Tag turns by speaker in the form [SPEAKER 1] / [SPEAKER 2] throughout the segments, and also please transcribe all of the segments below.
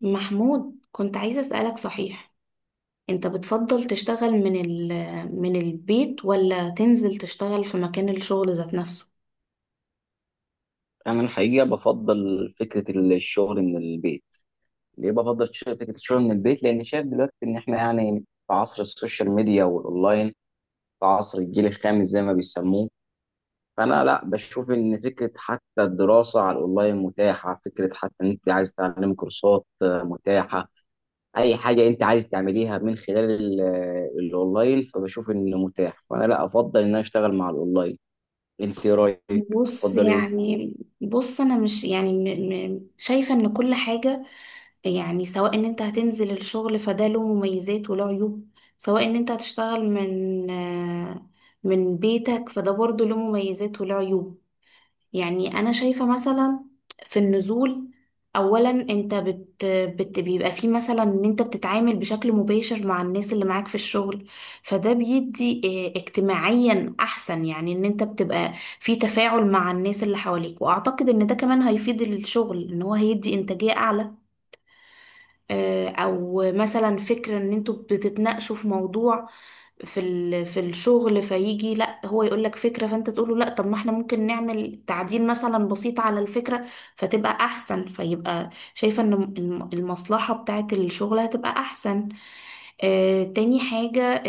[SPEAKER 1] محمود، كنت عايزة أسألك. صحيح انت بتفضل تشتغل من ال من البيت ولا تنزل تشتغل في مكان الشغل ذات نفسه؟
[SPEAKER 2] انا الحقيقه بفضل فكره الشغل من البيت. ليه بفضل فكره الشغل من البيت؟ لان شايف دلوقتي ان احنا يعني في عصر السوشيال ميديا والاونلاين، في عصر الجيل الخامس زي ما بيسموه. فانا لا بشوف ان فكره حتى الدراسه على الاونلاين متاحه، فكره حتى ان انت عايز تعلم كورسات متاحه. اي حاجه انت عايز تعمليها من خلال الاونلاين، فبشوف انه متاح، فانا لا افضل ان انا اشتغل مع الاونلاين. انت إيه رايك؟
[SPEAKER 1] بص
[SPEAKER 2] تفضل ايه؟
[SPEAKER 1] يعني. بص انا مش يعني شايفة ان كل حاجة يعني، سواء ان انت هتنزل الشغل فده له مميزات وله عيوب، سواء ان انت هتشتغل من من بيتك فده برضه له مميزات وله عيوب. يعني انا شايفة مثلا في النزول، اولا انت بيبقى فيه مثلا ان انت بتتعامل بشكل مباشر مع الناس اللي معاك في الشغل، فده بيدي اه، اجتماعيا احسن، يعني ان انت بتبقى في تفاعل مع الناس اللي حواليك، واعتقد ان ده كمان هيفيد الشغل ان هو هيدي انتاجية اعلى. اه، او مثلا فكرة ان انتوا بتتناقشوا في موضوع في في الشغل، فيجي لا هو يقول لك فكرة فانت تقول له لا، طب ما احنا ممكن نعمل تعديل مثلا بسيط على الفكرة فتبقى احسن، فيبقى شايفة ان المصلحة بتاعت الشغل هتبقى احسن. تاني حاجة،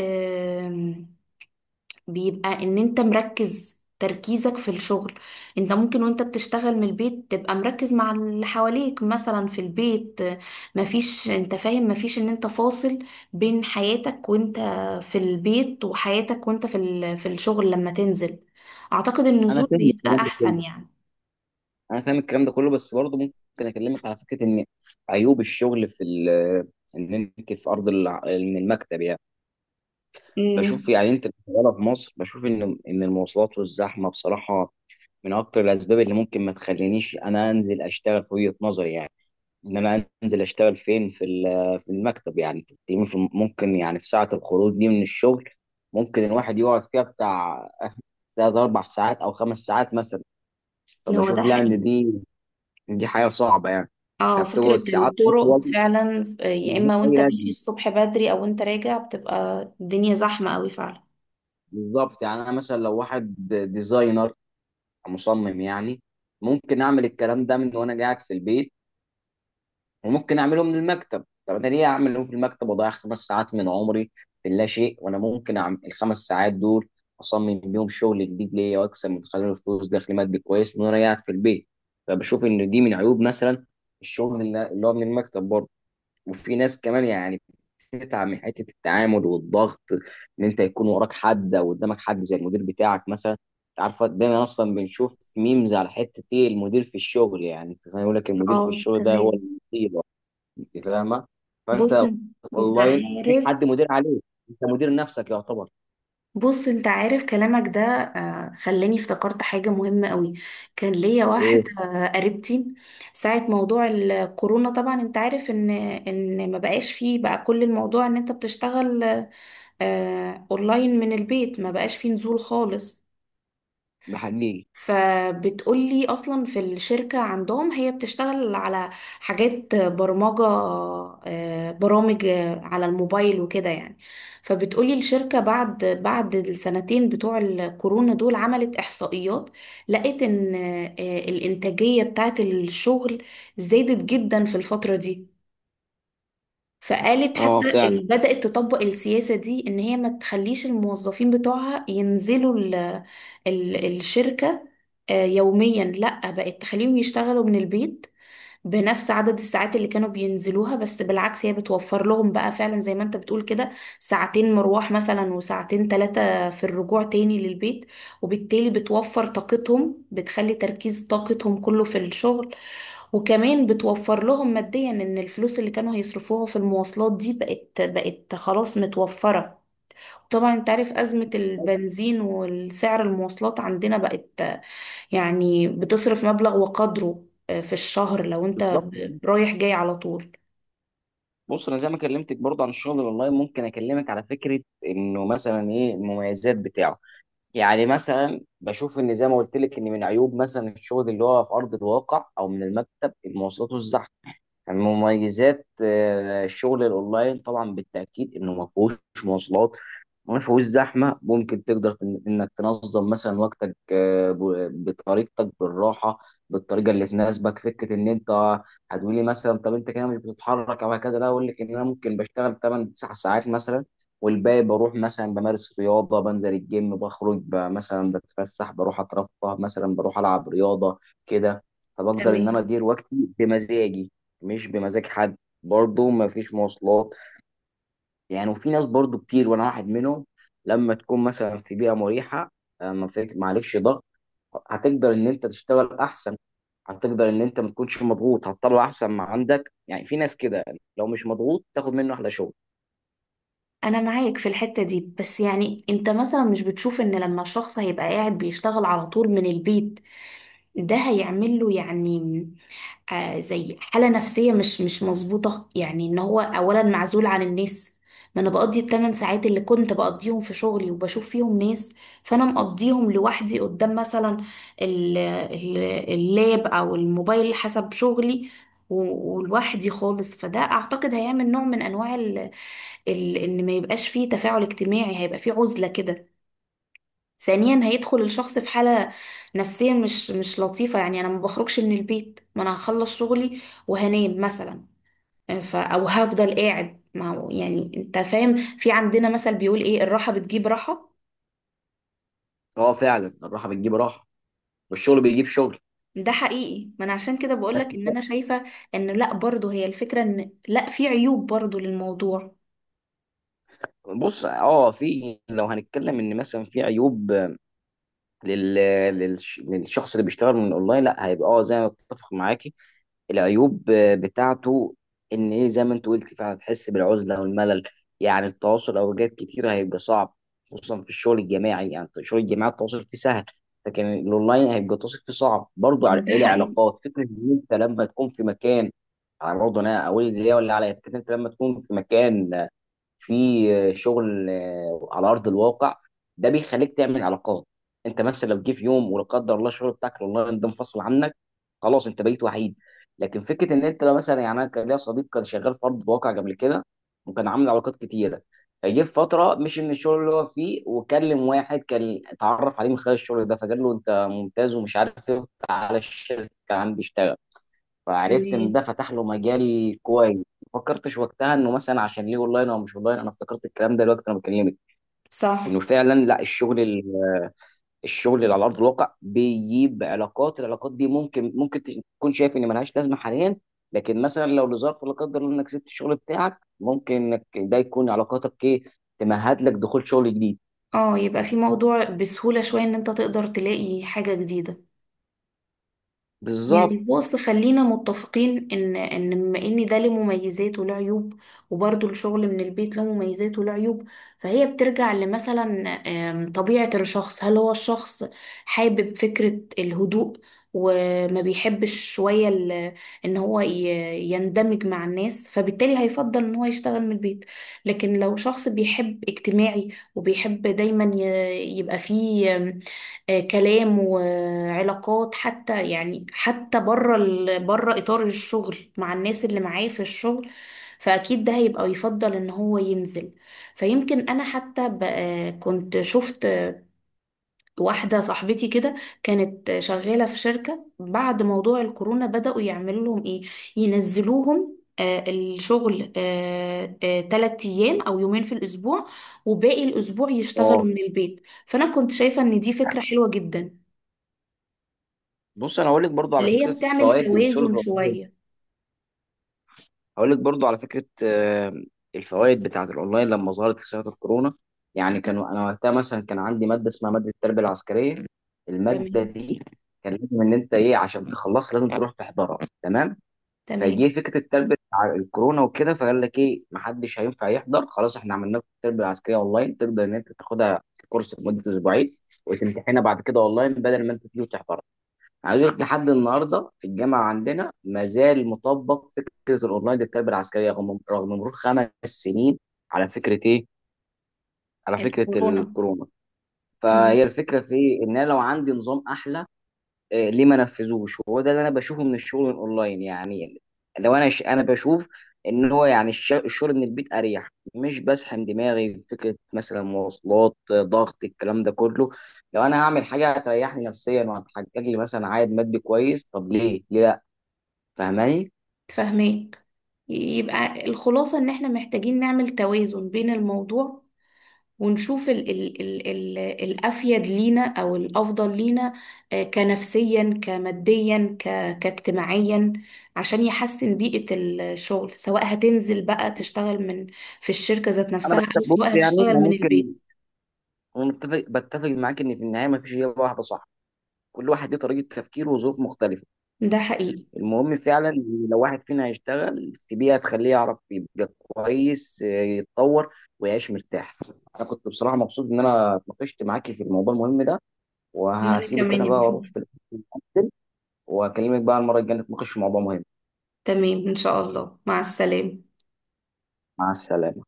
[SPEAKER 1] بيبقى ان انت مركز تركيزك في الشغل. انت ممكن وانت بتشتغل من البيت تبقى مركز مع اللي حواليك مثلا في البيت، مفيش، انت فاهم، مفيش ان انت فاصل بين حياتك وانت في البيت وحياتك وانت في في الشغل لما تنزل. اعتقد
[SPEAKER 2] انا
[SPEAKER 1] النزول
[SPEAKER 2] فاهم
[SPEAKER 1] بيبقى
[SPEAKER 2] الكلام ده كله.
[SPEAKER 1] احسن يعني.
[SPEAKER 2] انا فاهم الكلام ده كله بس برضه ممكن اكلمك على فكره ان عيوب الشغل في ال، ان انت في من المكتب يعني. بشوف
[SPEAKER 1] امم
[SPEAKER 2] يعني انت شغاله في مصر، بشوف ان المواصلات والزحمه بصراحه من اكتر الاسباب اللي ممكن ما تخلينيش انا انزل اشتغل، في وجهه نظري يعني. ان انا انزل اشتغل فين؟ في في المكتب يعني. تقريباً ممكن يعني في ساعه الخروج دي من الشغل ممكن الواحد يقعد فيها بتاع ثلاث اربع ساعات او 5 ساعات مثلا.
[SPEAKER 1] هو
[SPEAKER 2] فبشوف
[SPEAKER 1] ده
[SPEAKER 2] لا ان
[SPEAKER 1] حقيقي.
[SPEAKER 2] دي حاجة صعبة يعني.
[SPEAKER 1] اه،
[SPEAKER 2] فبتقعد
[SPEAKER 1] فكرة
[SPEAKER 2] ساعات
[SPEAKER 1] الطرق
[SPEAKER 2] أطول
[SPEAKER 1] فعلا، يا
[SPEAKER 2] من
[SPEAKER 1] اما
[SPEAKER 2] أي
[SPEAKER 1] وانت ماشي
[SPEAKER 2] لازمة.
[SPEAKER 1] الصبح بدري او وانت راجع بتبقى الدنيا زحمة قوي فعلا.
[SPEAKER 2] بالظبط، يعني أنا مثلا لو واحد ديزاينر، مصمم يعني، ممكن أعمل الكلام ده من وأنا قاعد في البيت، وممكن أعمله من المكتب. طب أنا ليه أعمله في المكتب وأضيع 5 ساعات من عمري في لا شيء، وأنا ممكن أعمل الـ5 ساعات دول أصمم بيهم شغل جديد ليا وأكسب من خلاله فلوس، دخل مادي كويس، من وأنا قاعد في البيت. فبشوف إن دي من عيوب مثلا الشغل اللي هو من المكتب برضه. وفي ناس كمان يعني بتتعب من حته التعامل والضغط، ان انت يكون وراك حد او قدامك حد زي المدير بتاعك مثلا. انت عارفه دايما اصلا بنشوف ميمز على حته ايه؟ المدير في الشغل، يعني انت فاهم يقول لك المدير في
[SPEAKER 1] اه
[SPEAKER 2] الشغل ده هو
[SPEAKER 1] تمام.
[SPEAKER 2] المصيبه. انت فاهمه؟
[SPEAKER 1] بص
[SPEAKER 2] فانت
[SPEAKER 1] انت
[SPEAKER 2] اونلاين مفيش
[SPEAKER 1] عارف
[SPEAKER 2] حد مدير عليك، انت مدير نفسك يعتبر.
[SPEAKER 1] بص انت عارف، كلامك ده خلاني افتكرت حاجة مهمة قوي. كان ليا واحدة
[SPEAKER 2] ايه
[SPEAKER 1] قريبتي ساعة موضوع الكورونا. طبعا انت عارف ان ما بقاش فيه بقى كل الموضوع ان انت بتشتغل اونلاين من البيت، ما بقاش فيه نزول خالص.
[SPEAKER 2] بحقيقي.
[SPEAKER 1] فبتقولي اصلا في الشركة عندهم، هي بتشتغل على حاجات برمجة، برامج على الموبايل وكده يعني. فبتقولي الشركة بعد السنتين بتوع الكورونا دول عملت احصائيات، لقيت ان الانتاجية بتاعت الشغل زادت جدا في الفترة دي. فقالت
[SPEAKER 2] اه
[SPEAKER 1] حتى
[SPEAKER 2] فعلا.
[SPEAKER 1] بدأت تطبق السياسة دي ان هي ما تخليش الموظفين بتوعها ينزلوا ال الشركة يوميا، لا بقت تخليهم يشتغلوا من البيت بنفس عدد الساعات اللي كانوا بينزلوها، بس بالعكس هي بتوفر لهم بقى فعلا زي ما انت بتقول كده، ساعتين مروح مثلا وساعتين ثلاثة في الرجوع تاني للبيت، وبالتالي بتوفر طاقتهم، بتخلي تركيز طاقتهم كله في الشغل. وكمان بتوفر لهم ماديا ان الفلوس اللي كانوا هيصرفوها في المواصلات دي بقت خلاص متوفرة. طبعا انت عارف أزمة البنزين والسعر، المواصلات عندنا بقت يعني بتصرف مبلغ وقدره في الشهر لو انت
[SPEAKER 2] بالظبط.
[SPEAKER 1] رايح جاي على طول.
[SPEAKER 2] بص انا زي ما كلمتك برضه عن الشغل الاونلاين، ممكن اكلمك على فكره انه مثلا ايه المميزات بتاعه. يعني مثلا بشوف ان زي ما قلت لك ان من عيوب مثلا الشغل اللي هو في ارض الواقع او من المكتب المواصلات والزحمه. يعني من مميزات الشغل الاونلاين طبعا بالتاكيد انه ما فيهوش مواصلات، ما فيهوش زحمه. ممكن تقدر انك تنظم مثلا وقتك، بطريقتك بالراحه، بالطريقه اللي تناسبك. فكره ان انت هتقولي مثلا طب انت كده مش بتتحرك او هكذا، لا اقول لك ان انا ممكن بشتغل 8 9 ساعات مثلا، والباقي بروح مثلا بمارس رياضه، بنزل الجيم، مثلا بتفسح، بروح اترفه، مثلا بروح العب رياضه كده. فبقدر ان انا
[SPEAKER 1] تمام.
[SPEAKER 2] ادير وقتي بمزاجي مش بمزاج حد. برضه ما فيش مواصلات يعني. وفي ناس برضو كتير وانا واحد منهم، لما تكون مثلا في بيئه مريحه ما فيك ما عليكش ضغط، هتقدر ان انت تشتغل احسن، هتقدر ان انت ما تكونش مضغوط، هتطلع احسن ما عندك. يعني في ناس كده لو مش مضغوط تاخد منه احلى شغل.
[SPEAKER 1] انا معاك في الحتة دي، بس يعني انت مثلا مش بتشوف ان لما الشخص هيبقى قاعد بيشتغل على طول من البيت، ده هيعمل له يعني زي حالة نفسية مش مظبوطة؟ يعني ان هو اولا معزول عن الناس. ما انا بقضي الثمان ساعات اللي كنت بقضيهم في شغلي وبشوف فيهم ناس، فانا مقضيهم لوحدي قدام مثلا ال- ال- اللاب او الموبايل حسب شغلي، ولوحدي خالص. فده اعتقد هيعمل نوع من انواع ال ال ان ما يبقاش فيه تفاعل اجتماعي، هيبقى فيه عزلة كده. ثانيا هيدخل الشخص في حالة نفسية مش لطيفة، يعني انا ما بخرجش من البيت، ما انا هخلص شغلي وهنام مثلا، او هفضل قاعد. ما هو يعني انت فاهم، في عندنا مثل بيقول ايه؟ الراحة بتجيب راحة.
[SPEAKER 2] اه فعلا الراحه بتجيب راحه والشغل بيجيب شغل.
[SPEAKER 1] ده حقيقي، ما انا عشان كده
[SPEAKER 2] بس
[SPEAKER 1] بقولك ان انا شايفة ان لا، برضه هي الفكرة ان لا، في عيوب برضه للموضوع.
[SPEAKER 2] بص، اه في، لو هنتكلم ان مثلا في عيوب لل... للشخص اللي بيشتغل من اونلاين، لا هيبقى اه زي ما اتفق معاكي، العيوب بتاعته ان ايه؟ زي ما انت قلت فعلا تحس بالعزله والملل، يعني التواصل اوقات كتير هيبقى صعب، خصوصا في الشغل الجماعي. يعني في الشغل الجماعي التواصل فيه سهل لكن الاونلاين هيبقى التواصل فيه صعب برضه. على
[SPEAKER 1] ده
[SPEAKER 2] إيه؟
[SPEAKER 1] حقيقي.
[SPEAKER 2] العلاقات. فكره ان انت لما تكون في مكان، يعني برضه انا اقول اللي هي ولا عليا، فكره انت لما تكون في مكان في شغل على ارض الواقع، ده بيخليك تعمل علاقات. انت مثلا لو جه في يوم ولا قدر الله الشغل بتاعك الاونلاين ده انفصل عنك، خلاص انت بقيت وحيد. لكن فكره ان انت لو مثلا، يعني انا كان ليا صديق كان شغال في ارض الواقع قبل كده وكان عامل علاقات كتيره، فجه في فتره مش من الشغل اللي هو فيه، وكلم واحد كان اتعرف عليه من خلال الشغل ده، فقال له انت ممتاز ومش عارف ايه، تعالى الشركه عندي اشتغل. فعرفت ان
[SPEAKER 1] إيه.
[SPEAKER 2] ده فتح له مجال كويس. ما فكرتش وقتها انه مثلا عشان ليه اونلاين او مش اونلاين. انا افتكرت الكلام ده دلوقتي انا بكلمك انه
[SPEAKER 1] صح.
[SPEAKER 2] فعلا لا، الشغل الشغل اللي على ارض الواقع بيجيب علاقات. العلاقات دي ممكن تكون شايف ان ملهاش لازمه حاليا، لكن مثلا لو لظرف لا قدر الله انك سبت الشغل بتاعك، ممكن انك ده يكون علاقاتك ايه؟ تمهد لك دخول شغل جديد.
[SPEAKER 1] اه، يبقى في موضوع بسهولة شوية ان انت تقدر تلاقي حاجة جديدة.
[SPEAKER 2] بالظبط.
[SPEAKER 1] يعني بص، خلينا متفقين ان بما ان ده له مميزات وله عيوب، وبرضه الشغل من البيت له مميزات وله عيوب، فهي بترجع لمثلا طبيعة الشخص. هل هو الشخص حابب فكرة الهدوء وما بيحبش شوية ان هو يندمج مع الناس، فبالتالي هيفضل ان هو يشتغل من البيت. لكن لو شخص بيحب اجتماعي وبيحب دايما يبقى فيه كلام وعلاقات، حتى يعني حتى بره بره اطار الشغل مع الناس اللي معاه في الشغل، فاكيد ده هيبقى يفضل ان هو ينزل. فيمكن انا حتى ب... آه، كنت شفت واحده صاحبتي كده، كانت شغاله في شركه بعد موضوع الكورونا، بداوا يعملوا لهم ايه، ينزلوهم الشغل تلات أيام أو يومين في الأسبوع، وباقي الأسبوع
[SPEAKER 2] اه
[SPEAKER 1] يشتغلوا من البيت. فأنا كنت شايفة إن دي فكرة حلوة جدا،
[SPEAKER 2] بص انا هقول لك برضو على
[SPEAKER 1] اللي هي
[SPEAKER 2] فكره
[SPEAKER 1] بتعمل
[SPEAKER 2] فوائد الشغل
[SPEAKER 1] توازن
[SPEAKER 2] في الأونلاين.
[SPEAKER 1] شوية.
[SPEAKER 2] هقول لك برضو على فكره الفوائد بتاعه الاونلاين لما ظهرت في سنه الكورونا. يعني كانوا، انا وقتها مثلا كان عندي ماده اسمها ماده التربيه العسكريه. الماده
[SPEAKER 1] تمام.
[SPEAKER 2] دي كان لازم ان انت ايه؟ عشان تخلصها لازم تروح تحضرها تمام. فجه
[SPEAKER 1] تمام.
[SPEAKER 2] فكره التربيه على الكورونا وكده، فقال لك ايه؟ محدش هينفع يحضر، خلاص احنا عملنا لك التربيه العسكريه اونلاين، تقدر ان انت تاخدها كورس لمده اسبوعين وتمتحنها بعد كده اونلاين بدل ما انت تيجي وتحضر. عايز اقول لك لحد النهارده في الجامعه عندنا ما زال مطبق فكره الاونلاين للتربيه العسكريه، رغم مرور 5 سنين. على فكره ايه؟ على فكره
[SPEAKER 1] الكورونا.
[SPEAKER 2] الكورونا. فهي
[SPEAKER 1] تمام.
[SPEAKER 2] الفكره في ايه؟ ان انا لو عندي نظام احلى، إيه ليه ما نفذوش؟ وهو ده اللي انا بشوفه من الشغل الاونلاين يعني. لو انا انا بشوف ان هو يعني الشغل من البيت اريح، مش بسحم دماغي بفكره مثلا مواصلات، ضغط، الكلام ده كله. لو انا هعمل حاجه هتريحني نفسيا وهتحقق لي مثلا عائد مادي كويس، طب ليه؟ ليه؟ فاهماني؟
[SPEAKER 1] تفهميك. يبقى الخلاصة ان احنا محتاجين نعمل توازن بين الموضوع، ونشوف ال ال ال ال الأفيد لينا أو الأفضل لينا، كنفسيا، كماديا، كاجتماعيا، عشان يحسن بيئة الشغل، سواء هتنزل بقى تشتغل من في الشركة ذات
[SPEAKER 2] انا
[SPEAKER 1] نفسها، أو
[SPEAKER 2] بتفق، بص
[SPEAKER 1] سواء
[SPEAKER 2] يعني
[SPEAKER 1] هتشتغل
[SPEAKER 2] انا
[SPEAKER 1] من البيت.
[SPEAKER 2] ممكن، انا متفق، بتفق معاك ان في النهايه ما فيش اجابه واحده صح، كل واحد ليه طريقه تفكير وظروف مختلفه.
[SPEAKER 1] ده حقيقي.
[SPEAKER 2] المهم فعلا إن لو واحد فينا هيشتغل في بيئه تخليه يعرف يبقى كويس، يتطور ويعيش مرتاح. انا كنت بصراحه مبسوط ان انا اتناقشت معاكي في الموضوع المهم ده،
[SPEAKER 1] وأنا
[SPEAKER 2] وهسيبك
[SPEAKER 1] كمان
[SPEAKER 2] انا
[SPEAKER 1] يا
[SPEAKER 2] بقى واروح
[SPEAKER 1] محمد.
[SPEAKER 2] دلوقتي. أكل، واكلمك بقى المره الجايه نتناقش في موضوع مهم.
[SPEAKER 1] تمام، إن شاء الله، مع السلامة.
[SPEAKER 2] مع السلامه.